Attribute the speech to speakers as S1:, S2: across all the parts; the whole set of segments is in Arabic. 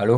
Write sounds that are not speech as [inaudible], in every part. S1: الو،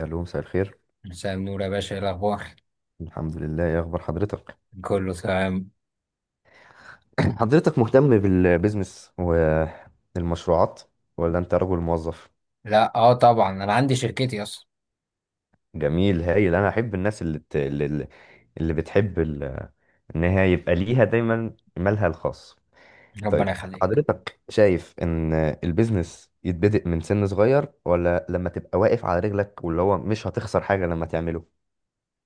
S2: الو، مساء الخير.
S1: مساء النور يا باشا، ايه الاخبار؟
S2: الحمد لله، يا اخبار حضرتك؟
S1: كله تمام.
S2: [clears throat] حضرتك مهتم بالبيزنس والمشروعات، ولا انت رجل موظف؟
S1: لا اه طبعا انا عندي شركتي اصلا.
S2: جميل، هايل. انا احب الناس اللي بتحب ان هي يبقى ليها دايما مالها الخاص.
S1: ربنا
S2: طيب.
S1: يخليك.
S2: حضرتك شايف ان البيزنس يتبدأ من سن صغير، ولا لما تبقى واقف على رجلك واللي هو مش هتخسر حاجة لما تعمله؟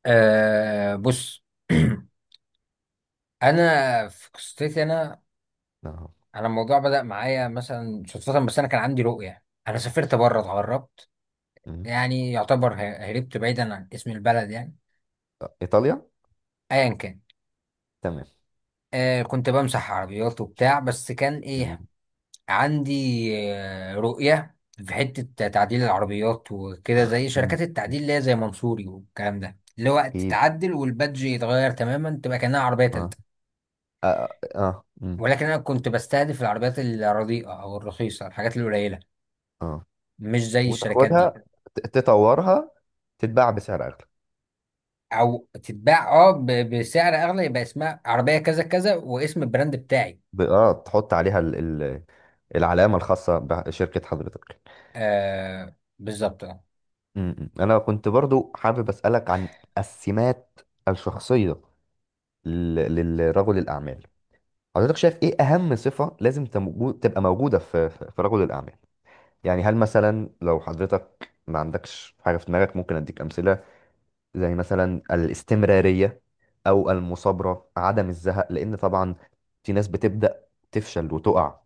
S1: آه بص. [clears throat] انا في قصتي انا
S2: اه.
S1: انا الموضوع بدأ معايا مثلا صدفة، بس انا كان عندي رؤية. انا سافرت بره اتغربت،
S2: مم.
S1: يعني يعتبر هربت بعيدا. عن اسم البلد يعني
S2: ايطاليا.
S1: ايا كان.
S2: تمام.
S1: آه كنت بمسح عربيات وبتاع، بس كان ايه،
S2: جميل.
S1: عندي رؤية في حتة تعديل العربيات وكده، زي
S2: مم.
S1: شركات التعديل اللي هي زي منصوري والكلام ده، اللي هو
S2: اكيد.
S1: تتعدل والبادج يتغير تماما تبقى كأنها عربية
S2: اه،
S1: تالتة.
S2: اه، اه. مم.
S1: ولكن أنا كنت بستهدف العربيات الرديئة أو الرخيصة، الحاجات القليلة،
S2: اه.
S1: مش زي الشركات
S2: وتاخدها،
S1: دي.
S2: ت- تطورها، تتباع بسعر اغلى.
S1: أو تتباع بسعر أغلى، يبقى اسمها عربية كذا كذا واسم البراند بتاعي.
S2: تحط عليها ال... العلامة الخاصة بشركة حضرتك.
S1: آه بالظبط.
S2: م-م. أنا كنت برضو حابب أسألك عن السمات الشخصية للرجل الأعمال. حضرتك شايف إيه أهم صفة لازم تبقى موجودة في رجل الأعمال؟ يعني هل مثلا لو حضرتك ما عندكش حاجة في دماغك، ممكن أديك أمثلة. زي مثلا الاستمرارية، أو المثابرة، عدم الزهق، لأن طبعا في ناس بتبدأ تفشل وتقع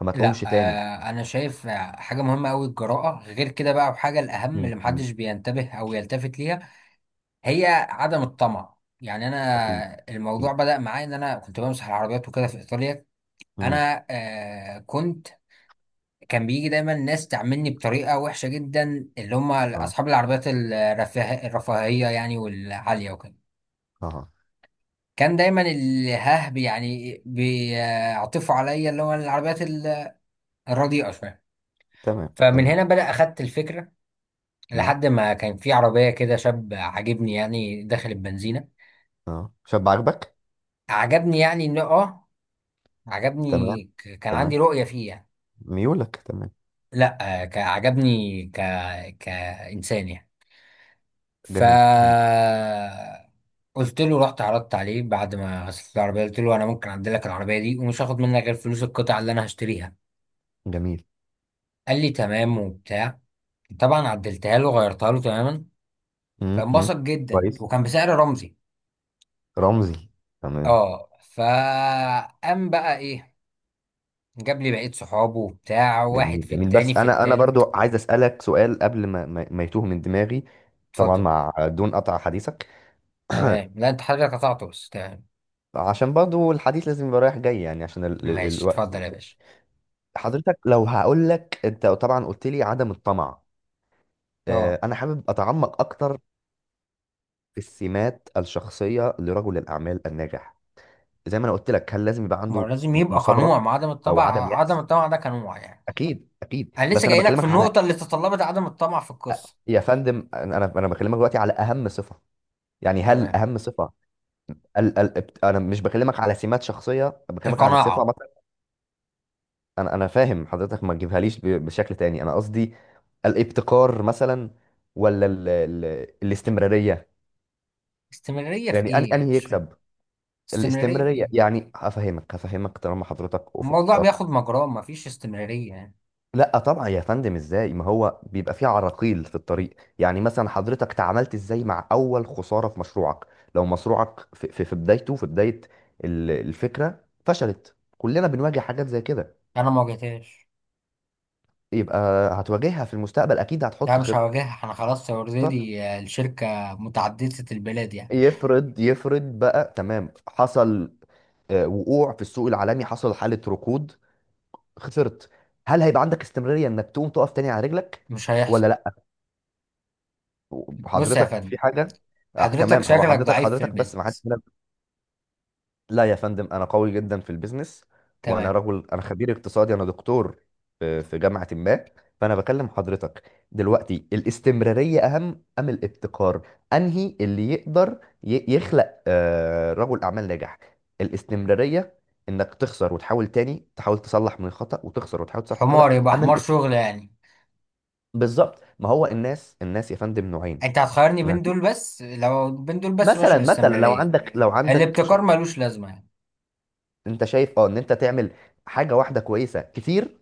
S2: فما تقومش
S1: لا
S2: تاني.
S1: آه، انا شايف حاجه مهمه قوي الجراءه، غير كده بقى وحاجه الاهم
S2: مم،
S1: اللي
S2: مم.
S1: محدش بينتبه او يلتفت ليها، هي عدم الطمع. يعني
S2: أكيد،
S1: انا الموضوع
S2: أكيد.
S1: بدأ معايا ان انا كنت بمسح العربيات وكده في ايطاليا.
S2: مم.
S1: انا آه كنت، كان بيجي دايما ناس تعاملني بطريقه وحشه جدا، اللي هم
S2: أه،
S1: اصحاب العربيات الرفاهيه يعني والعاليه وكده.
S2: أه،
S1: كان دايما الهه يعني بيعطفوا عليا، اللي هو العربيات الرديئه شويه.
S2: تمام،
S1: فمن
S2: تمام.
S1: هنا بدأ أخدت الفكرة.
S2: مم.
S1: لحد ما كان في عربية كده شاب عاجبني يعني، داخل البنزينة.
S2: أه، شاب عاجبك؟
S1: عجبني يعني انه اه،
S2: تمام،
S1: عجبني كان عندي
S2: تمام.
S1: رؤية فيه يعني.
S2: ميولك. تمام.
S1: لا آه، كإنسان يعني. ف
S2: جميل، جميل،
S1: قلت له رحت عرضت عليه بعد ما غسلت العربية، قلت له انا ممكن اعدل لك العربية دي، ومش هاخد منك غير فلوس القطع اللي انا هشتريها.
S2: جميل.
S1: قال لي تمام وبتاع. طبعا عدلتها له، غيرتها له تماما.
S2: مم. مم.
S1: فانبسط جدا،
S2: كويس.
S1: وكان بسعر رمزي.
S2: رمزي. تمام.
S1: اه، فقام بقى ايه، جاب لي بقية صحابه وبتاع، واحد
S2: جميل،
S1: في
S2: جميل.
S1: التاني
S2: بس
S1: في
S2: أنا برضو
S1: التالت.
S2: عايز أسألك سؤال قبل ما يتوه من دماغي. طبعا،
S1: اتفضل.
S2: مع دون قطع حديثك. [clears throat]
S1: تمام، لا انت حضرتك قطعته، بس تمام.
S2: عشان برضو الحديث لازم يبقى رايح جاي، يعني عشان
S1: ماشي
S2: الوقت
S1: اتفضل يا
S2: وكده.
S1: باشا.
S2: حضرتك لو هقول لك، انت طبعا قلت لي عدم الطمع.
S1: اه
S2: انا حابب اتعمق اكتر في السمات الشخصيه لرجل الاعمال الناجح، زي ما انا قلت لك، هل لازم يبقى
S1: ما
S2: عنده؟
S1: هو لازم يبقى قنوع،
S2: مثابره،
S1: ما عدم
S2: او عدم
S1: الطمع، عدم
S2: يأس.
S1: الطمع ده قنوع يعني.
S2: اكيد، اكيد،
S1: انا
S2: بس
S1: لسه
S2: انا
S1: جاي لك في
S2: بكلمك
S1: النقطة،
S2: على...
S1: اللي تطلبت عدم الطمع في القصة.
S2: يا فندم، انا انا أنا بكلمك دلوقتي على اهم صفه. يعني هل
S1: تمام.
S2: اهم صفه؟ انا مش بكلمك على سمات شخصيه، بكلمك على صفه.
S1: القناعة.
S2: انا فاهم حضرتك، ما تجيبهاليش بشكل تاني. انا قصدي الابتكار مثلا، ولا ال الاستمراريه،
S1: استمرارية في
S2: يعني أن
S1: ايه؟
S2: انهي
S1: مش فاهم.
S2: يكسب.
S1: استمرارية في
S2: الاستمراريه،
S1: ايه؟
S2: يعني هفهمك طالما حضرتك
S1: الموضوع بياخد
S2: افقك.
S1: مجراه، مفيش استمرارية يعني.
S2: لا طبعا يا فندم، ازاي؟ ما هو بيبقى فيه عراقيل في الطريق. يعني مثلا حضرتك تعاملت ازاي مع اول خساره في مشروعك؟ لو مشروعك في بدايته، في بدايه الفكره فشلت، كلنا بنواجه حاجات زي كده.
S1: انا ما واجهتهاش.
S2: يبقى هتواجهها في المستقبل اكيد.
S1: لا
S2: هتحط
S1: مش هواجهها، انا خلاص
S2: خطه.
S1: اوريدي الشركة متعددة البلاد يعني.
S2: يفرض بقى، تمام، حصل وقوع في السوق العالمي، حصل حالة ركود، خسرت. هل هيبقى عندك استمرارية انك تقوم تقف تاني على رجلك،
S1: مش
S2: ولا
S1: هيحصل.
S2: لا؟
S1: بص يا
S2: حضرتك
S1: فندم،
S2: في حاجة
S1: حضرتك
S2: تمام. هو
S1: شكلك
S2: حضرتك
S1: ضعيف في
S2: حضرتك بس ما حدش...
S1: البيزنس.
S2: لا يا فندم، انا قوي جدا في البيزنس. وانا
S1: تمام.
S2: رجل، انا خبير اقتصادي، انا دكتور في جامعه ما. فانا بكلم حضرتك دلوقتي، الاستمراريه اهم ام الابتكار؟ انهي اللي يقدر يخلق رجل اعمال ناجح؟ الاستمراريه، انك تخسر وتحاول تاني، تحاول تصلح من الخطا، وتخسر وتحاول تصلح من الخطا.
S1: حمار يبقى
S2: اما
S1: حمار شغل
S2: الابتكار...
S1: يعني.
S2: بالظبط. ما هو الناس يا فندم نوعين.
S1: انت هتخيرني بين دول؟ بس لو بين دول بس، ماشي
S2: مثلا لو
S1: الاستمرارية.
S2: عندك لو عندك
S1: الابتكار
S2: شغل،
S1: ملوش لازمة يعني.
S2: انت شايف ان انت تعمل حاجه واحده كويسه كتير،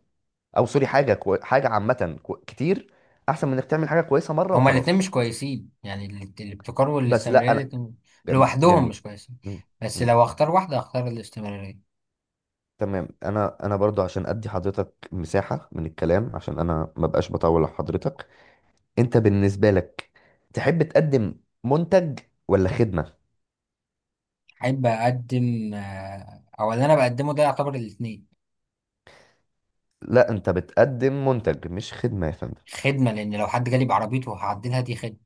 S2: او سوري، حاجه عامه كتير، احسن من انك تعمل حاجه كويسه مره
S1: هما الاتنين
S2: وخلاص.
S1: مش كويسين يعني، الابتكار
S2: بس
S1: والاستمرارية
S2: لا انا.
S1: الاتنين
S2: جميل،
S1: لوحدهم
S2: جميل.
S1: مش كويسين.
S2: مم.
S1: بس
S2: مم.
S1: لو اختار واحدة، اختار الاستمرارية.
S2: تمام. انا برضو عشان ادي حضرتك مساحه من الكلام، عشان انا ما بقاش بطول على حضرتك. انت بالنسبه لك تحب تقدم منتج ولا خدمه؟
S1: احب اقدم آه، او اللي انا بقدمه ده يعتبر الاتنين.
S2: لا، انت بتقدم منتج مش خدمه يا فندم.
S1: خدمة، لان لو حد جالي بعربيته هعدلها دي خدمة.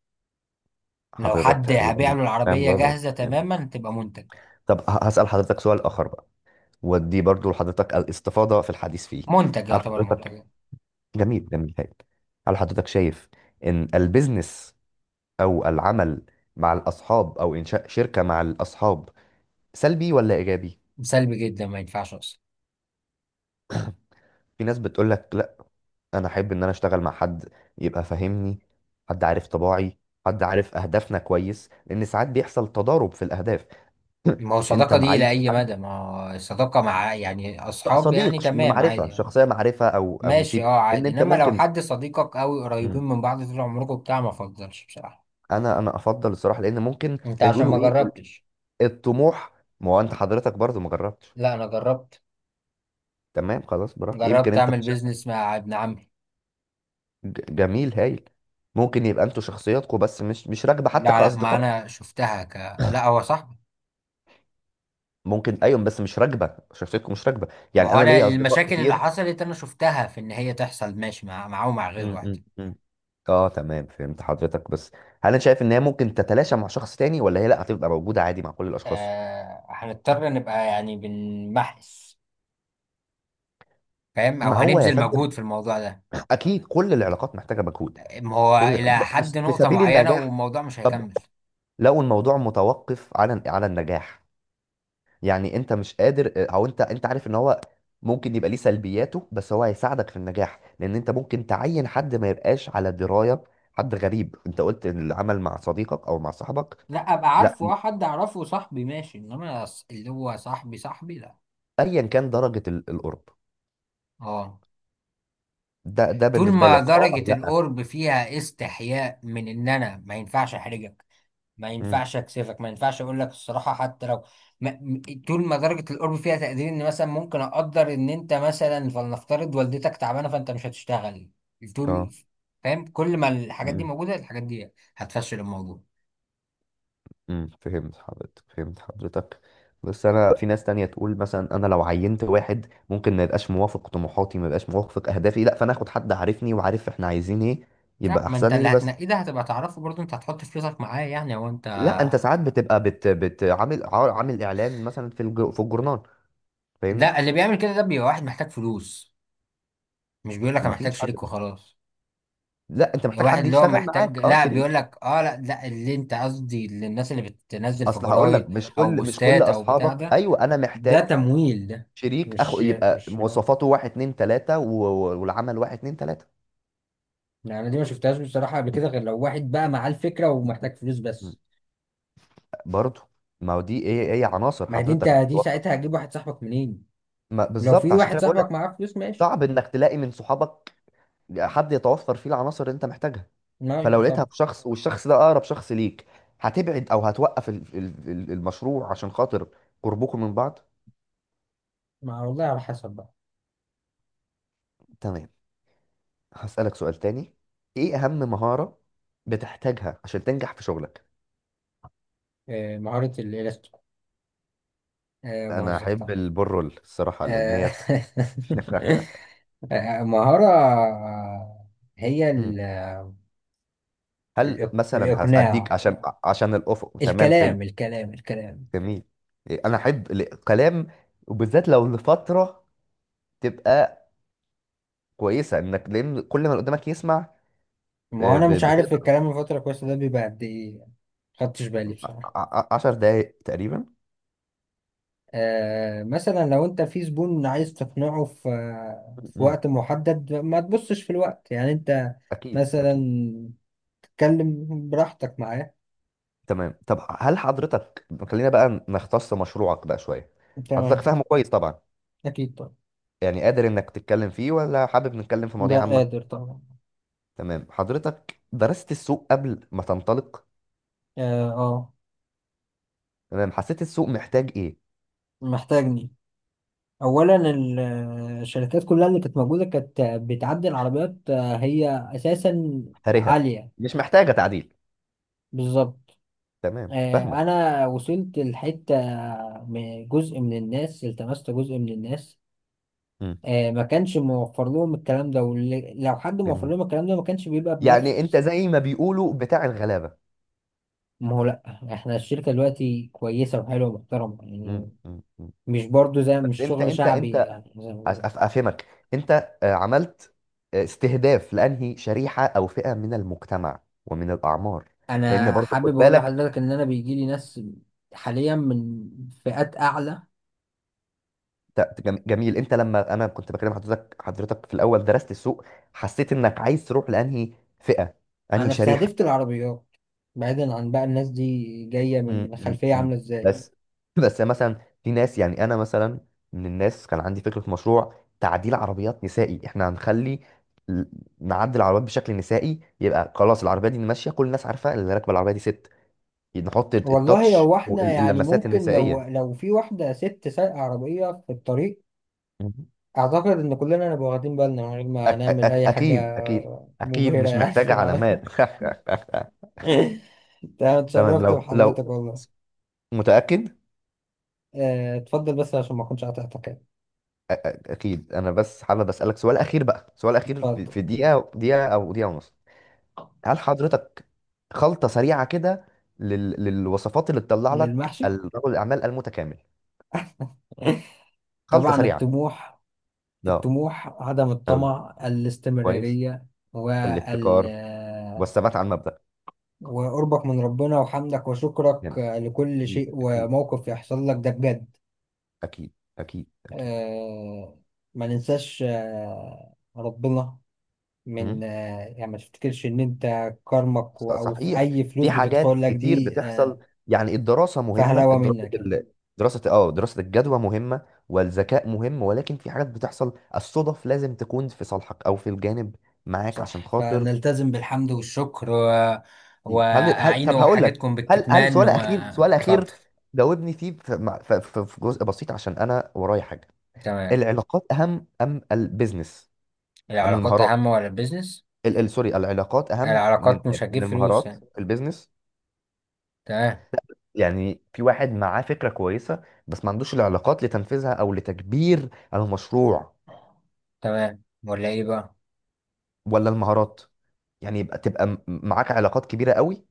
S1: لو
S2: حضرتك
S1: حد هبيع
S2: تقريبا
S1: له
S2: فاهم
S1: العربية
S2: غلط
S1: جاهزة
S2: يعني.
S1: تماما تبقى منتج.
S2: طب هسأل حضرتك سؤال آخر بقى، ودي برضو لحضرتك الاستفاضة في الحديث فيه.
S1: منتج،
S2: هل
S1: يعتبر منتج.
S2: حضرتك جميل، جميل، هايل. هل حضرتك شايف ان البيزنس او العمل مع الاصحاب، او انشاء شركة مع الاصحاب، سلبي ولا ايجابي؟
S1: سلبي جدا، ما ينفعش اصلا.
S2: في ناس بتقول لك لا، انا احب ان انا اشتغل مع حد يبقى فاهمني، حد عارف طباعي، حد عارف اهدافنا كويس، لان ساعات بيحصل تضارب في الاهداف.
S1: ما هو
S2: [clears throat] انت
S1: الصداقه دي
S2: معي
S1: لاي
S2: حد،
S1: مدى؟ ما هو الصداقه مع يعني اصحاب يعني
S2: صديق،
S1: تمام عادي
S2: معرفة
S1: يعني.
S2: شخصية، معرفة او
S1: ماشي
S2: نسيب،
S1: اه
S2: ان
S1: عادي،
S2: انت
S1: انما لو
S2: ممكن...
S1: حد صديقك قوي، قريبين
S2: مم.
S1: من بعض طول عمركم بتاع ما افضلش بصراحه.
S2: انا افضل الصراحة، لان ممكن، زي
S1: انت
S2: ما
S1: عشان ما
S2: بيقولوا، ايه؟
S1: جربتش.
S2: الطموح. ما هو انت حضرتك برضه ما جربتش.
S1: لا انا جربت،
S2: تمام، خلاص، براحتك. يمكن
S1: جربت
S2: انت
S1: اعمل
S2: في شركة
S1: بيزنس مع ابن عمي.
S2: جميل، هايل. ممكن يبقى انتوا شخصياتكم بس مش راكبه حتى
S1: لا ما
S2: كاصدقاء.
S1: انا شفتها ك لا هو صاحبي.
S2: ممكن، ايوه، بس مش راكبه، شخصيتكم مش راكبه.
S1: ما
S2: يعني
S1: هو
S2: انا
S1: انا
S2: ليا اصدقاء
S1: المشاكل اللي
S2: كتير.
S1: حصلت انا شفتها في ان هي تحصل ماشي مع معاه ومع
S2: م-
S1: غيره واحد.
S2: م- م. اه، تمام، فهمت حضرتك. بس هل انا شايف ان هي ممكن تتلاشى مع شخص تاني، ولا هي لا هتبقى موجوده عادي مع كل الاشخاص؟
S1: آه هنضطر نبقى يعني بنمحس، فاهم؟ او
S2: ما هو يا
S1: هنبذل
S2: فندم،
S1: مجهود في الموضوع ده.
S2: اكيد كل العلاقات محتاجه مجهود.
S1: ما هو
S2: كل
S1: إلى
S2: في
S1: حد
S2: في
S1: نقطة
S2: سبيل
S1: معينة
S2: النجاح.
S1: والموضوع مش
S2: طب
S1: هيكمل.
S2: لو الموضوع متوقف على النجاح، يعني انت مش قادر او انت عارف ان هو ممكن يبقى ليه سلبياته بس هو هيساعدك في النجاح، لان انت ممكن تعين حد ما يبقاش على درايه، حد غريب. انت قلت إن العمل مع صديقك او مع صاحبك...
S1: لا ابقى عارفه،
S2: لا،
S1: اه حد اعرفه صاحبي ماشي، انما اللي هو صاحبي صاحبي لا.
S2: ايا كان درجه القرب.
S1: اه.
S2: ده
S1: طول
S2: بالنسبه
S1: ما
S2: لك اه او
S1: درجة
S2: لا؟
S1: القرب فيها استحياء من ان انا ما ينفعش احرجك، ما
S2: امم
S1: ينفعش اكسفك، ما ينفعش اقول لك الصراحة، حتى لو ما... م- طول ما درجة القرب فيها تقدير ان مثلا ممكن اقدر ان انت مثلا، فلنفترض والدتك تعبانة فانت مش هتشتغل. طول
S2: اه
S1: فاهم؟ كل ما الحاجات دي
S2: امم
S1: موجودة، الحاجات دي هتفشل الموضوع.
S2: فهمت حضرتك. بس انا في ناس تانية تقول مثلا، انا لو عينت واحد ممكن ما يبقاش موافق طموحاتي، ما يبقاش موافق اهدافي، لا. فانا اخد حد عارفني وعارف احنا عايزين ايه،
S1: لا
S2: يبقى
S1: ما انت
S2: احسن
S1: اللي
S2: لي. بس...
S1: هتنقيه ده هتبقى تعرفه برضه، انت هتحط فلوسك معاه يعني، هو انت.
S2: لا انت ساعات بتبقى بت بت عامل اعلان مثلا في الجورنال، فاهمني؟
S1: لا اللي بيعمل كده ده بيبقى واحد محتاج فلوس، مش بيقول لك انا
S2: مفيش
S1: محتاج
S2: حد.
S1: شريك وخلاص.
S2: لا، انت
S1: بيبقى
S2: محتاج
S1: واحد
S2: حد
S1: اللي هو
S2: يشتغل
S1: محتاج،
S2: معاك، اه،
S1: لا بيقول
S2: شريك.
S1: لك اه، لا اللي انت قصدي اللي الناس اللي بتنزل في
S2: اصل هقول
S1: جرايد
S2: لك مش
S1: او
S2: كل مش كل
S1: بوستات او بتاع
S2: اصحابك.
S1: ده،
S2: ايوه، انا
S1: ده
S2: محتاج
S1: تمويل ده.
S2: شريك اخو
S1: مش
S2: يبقى
S1: مش لا.
S2: مواصفاته واحد، اتنين، تلاته، والعمل واحد، اتنين، تلاته.
S1: لا، انا دي ما شفتهاش بصراحة قبل كده، غير لو واحد بقى معاه الفكرة ومحتاج فلوس
S2: م.
S1: بس.
S2: برضه. ما هو دي ايه ايه عناصر
S1: ما دي انت
S2: حضرتك
S1: دي
S2: بتتوفر.
S1: ساعتها هتجيب واحد صاحبك منين؟
S2: ما
S1: لو
S2: بالظبط
S1: في
S2: عشان
S1: واحد
S2: كده بقول
S1: صاحبك
S2: لك
S1: معاه فلوس ماشي،
S2: صعب انك تلاقي من صحابك حد يتوفر فيه العناصر اللي انت محتاجها.
S1: ما
S2: فلو
S1: يبقى
S2: لقيتها
S1: طب.
S2: في شخص والشخص ده اقرب شخص ليك، هتبعد او هتوقف المشروع عشان خاطر قربكم من بعض؟
S1: ما والله على حسب بقى.
S2: تمام. هسألك سؤال تاني، ايه اهم مهارة بتحتاجها عشان تنجح في شغلك؟
S1: آه، مهارة الإلكترو، آه،
S2: انا
S1: بهزر
S2: احب
S1: طبعا.
S2: البرول الصراحة، لان
S1: آه،
S2: هي... [laughs]
S1: [laughs] آه، مهارة آه، هي
S2: مم. هل مثلا هديك
S1: الإقناع.
S2: عشان الافق. تمام، حلو،
S1: الكلام الكلام.
S2: جميل. إيه، انا احب الكلام وبالذات لو لفترة تبقى كويسة، انك لان كل ما اللي قدامك يسمع...
S1: ما هو أنا مش عارف
S2: بتقدر
S1: الكلام الفترة الكويسة ده بيبقى قد إيه، خدتش بالي بصراحة.
S2: 10 دقايق تقريبا.
S1: آه، مثلا لو أنت في زبون عايز تقنعه في في
S2: مم.
S1: وقت محدد، ما تبصش في الوقت يعني، أنت
S2: اكيد، اكيد.
S1: مثلا تتكلم براحتك معاه.
S2: تمام. طب هل حضرتك خلينا بقى نختص مشروعك بقى شويه. حضرتك
S1: تمام.
S2: فاهمه كويس طبعا،
S1: أكيد طبعا.
S2: يعني قادر انك تتكلم فيه، ولا حابب نتكلم في
S1: لا
S2: مواضيع
S1: قادر
S2: عامه؟
S1: طبعا.
S2: تمام. حضرتك درست السوق قبل ما تنطلق؟
S1: اه آه،
S2: تمام. حسيت السوق محتاج ايه؟
S1: محتاجني. اولا آه، الشركات كلها اللي كانت موجوده كانت بتعدل عربيات آه، هي اساسا
S2: هرهة.
S1: عاليه.
S2: مش محتاجه تعديل.
S1: بالظبط.
S2: تمام،
S1: آه،
S2: فاهمك.
S1: انا وصلت لحته آه، جزء من الناس، التمست جزء من الناس
S2: مم.
S1: آه، ما كانش موفر لهم الكلام ده، ولو حد موفر
S2: جميل.
S1: لهم الكلام ده ما كانش بيبقى
S2: يعني انت
S1: بنفس.
S2: زي ما بيقولوا، بتاع الغلابه.
S1: ما هو لا، احنا الشركه دلوقتي كويسه وحلوه ومحترمه
S2: مم.
S1: يعني،
S2: مم. مم.
S1: مش برضو زي
S2: بس
S1: مش
S2: انت
S1: شغل
S2: انت انت
S1: شعبي يعني.
S2: افهمك. انت عملت استهداف لانهي شريحه او فئه من المجتمع، ومن الاعمار. لان
S1: انا
S2: برضه خد
S1: حابب اقول
S2: بالك.
S1: لحضرتك ان انا بيجي لي ناس حاليا من فئات اعلى.
S2: جميل، انت لما انا كنت بكلم حضرتك في الاول درست السوق، حسيت انك عايز تروح لانهي فئه، انهي
S1: انا
S2: شريحه.
S1: استهدفت العربيات، بعيدا عن بقى الناس دي جايه
S2: م-
S1: من
S2: م-
S1: خلفيه
S2: م.
S1: عامله ازاي.
S2: بس [laughs] بس مثلا في ناس، يعني انا مثلا من الناس كان عندي فكره مشروع تعديل عربيات نسائي. احنا هنخلي ال- نعدل العربيات بشكل نسائي، يبقى خلاص العربيه دي ماشيه، كل الناس عارفه اللي راكبه العربيه دي ست، نحط
S1: والله
S2: التاتش
S1: هو احنا يعني
S2: واللمسات
S1: ممكن لو
S2: النسائية.
S1: لو في واحده ست سايقه عربيه في الطريق،
S2: مم.
S1: اعتقد ان كلنا نبقى واخدين بالنا من غير ما
S2: أك
S1: نعمل
S2: أك
S1: اي حاجه
S2: أكيد، أكيد، أكيد،
S1: مبهره
S2: مش
S1: يعني في
S2: محتاجة
S1: العربيه.
S2: علامات. [laughs]
S1: [laughs] تمام،
S2: تمام.
S1: اتشرفت
S2: لو
S1: بحضرتك
S2: لو
S1: والله.
S2: متأكد
S1: آه، اتفضل بس عشان ما اكونش قاطعتك يعني.
S2: أ- أكيد، أنا بس حابب أسألك سؤال أخير بقى، سؤال أخير في
S1: اتفضل.
S2: في دقيقة، دقيقة أو دقيقة ونص. هل حضرتك خلطة سريعة كده للوصفات اللي تطلع لك
S1: للمحشي.
S2: رجل الأعمال المتكامل؟
S1: [laughs]
S2: خلطة
S1: طبعا
S2: سريعة.
S1: الطموح.
S2: لا.
S1: الطموح، عدم
S2: حلو،
S1: الطمع،
S2: كويس.
S1: الاستمرارية، وال
S2: الابتكار والثبات على المبدأ.
S1: وقربك من ربنا وحمدك وشكرك
S2: جامد،
S1: لكل شيء
S2: أكيد، أكيد،
S1: وموقف يحصل لك، ده بجد.
S2: أكيد، أكيد، أكيد.
S1: آه، ما ننساش آه، ربنا،
S2: مم.
S1: من آه، يعني ما تفتكرش ان انت كرمك او في
S2: صحيح.
S1: اي فلوس
S2: في حاجات
S1: بتدخل لك
S2: كتير
S1: دي
S2: بتحصل،
S1: آه،
S2: يعني الدراسة مهمة،
S1: فهلوة منك يعني.
S2: دراسة الجدوى مهمة، والذكاء مهم، ولكن في حاجات بتحصل، الصدف لازم تكون في صالحك او في الجانب معاك، عشان
S1: صح،
S2: خاطر...
S1: فنلتزم بالحمد والشكر و...
S2: هل هل طب
S1: وأعينوا
S2: هقول لك،
S1: حاجتكم
S2: هل هل
S1: بالكتمان
S2: سؤال اخير، سؤال اخير.
S1: واتفضل.
S2: جاوبني فيه في جزء بسيط، عشان انا ورايا حاجة.
S1: تمام.
S2: العلاقات اهم ام البيزنس، ام
S1: العلاقات
S2: المهارات؟
S1: أهم ولا البيزنس؟
S2: سوري، العلاقات اهم من،
S1: العلاقات
S2: يعني
S1: مش هتجيب
S2: من
S1: فلوس
S2: المهارات
S1: يعني.
S2: في البيزنس.
S1: تمام.
S2: يعني في واحد معاه فكرة كويسة بس ما عندوش العلاقات لتنفيذها أو لتكبير المشروع،
S1: تمام ولا إيه بقى؟
S2: ولا المهارات؟ يعني يبقى تبقى معاك علاقات كبيرة قوي،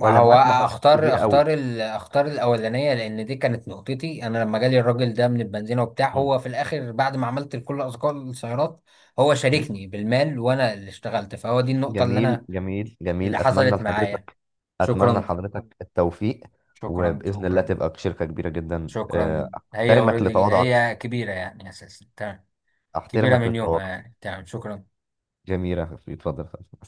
S2: ولا
S1: هو
S2: معاك مهارات
S1: أختار،
S2: كبيرة قوي؟
S1: أختار أختار الأولانية، لأن دي كانت نقطتي أنا لما جالي الراجل ده من البنزينة وبتاع،
S2: مم.
S1: هو في الآخر بعد ما عملت كل أذكار السيارات، هو
S2: مم.
S1: شاركني بالمال وأنا اللي اشتغلت، فهو دي النقطة اللي
S2: جميل،
S1: أنا
S2: جميل، جميل.
S1: اللي حصلت معايا.
S2: أتمنى
S1: شكرا
S2: لحضرتك التوفيق،
S1: شكرا
S2: وبإذن الله
S1: شكرا
S2: تبقى شركة كبيرة جدا.
S1: شكرا. هي
S2: أحترمك
S1: اوريدي
S2: لتواضعك،
S1: هي كبيرة يعني أساسا، تمام. كبيرة
S2: أحترمك
S1: من يومها
S2: للتواضع.
S1: يعني، تمام شكرا.
S2: جميلة، اتفضل.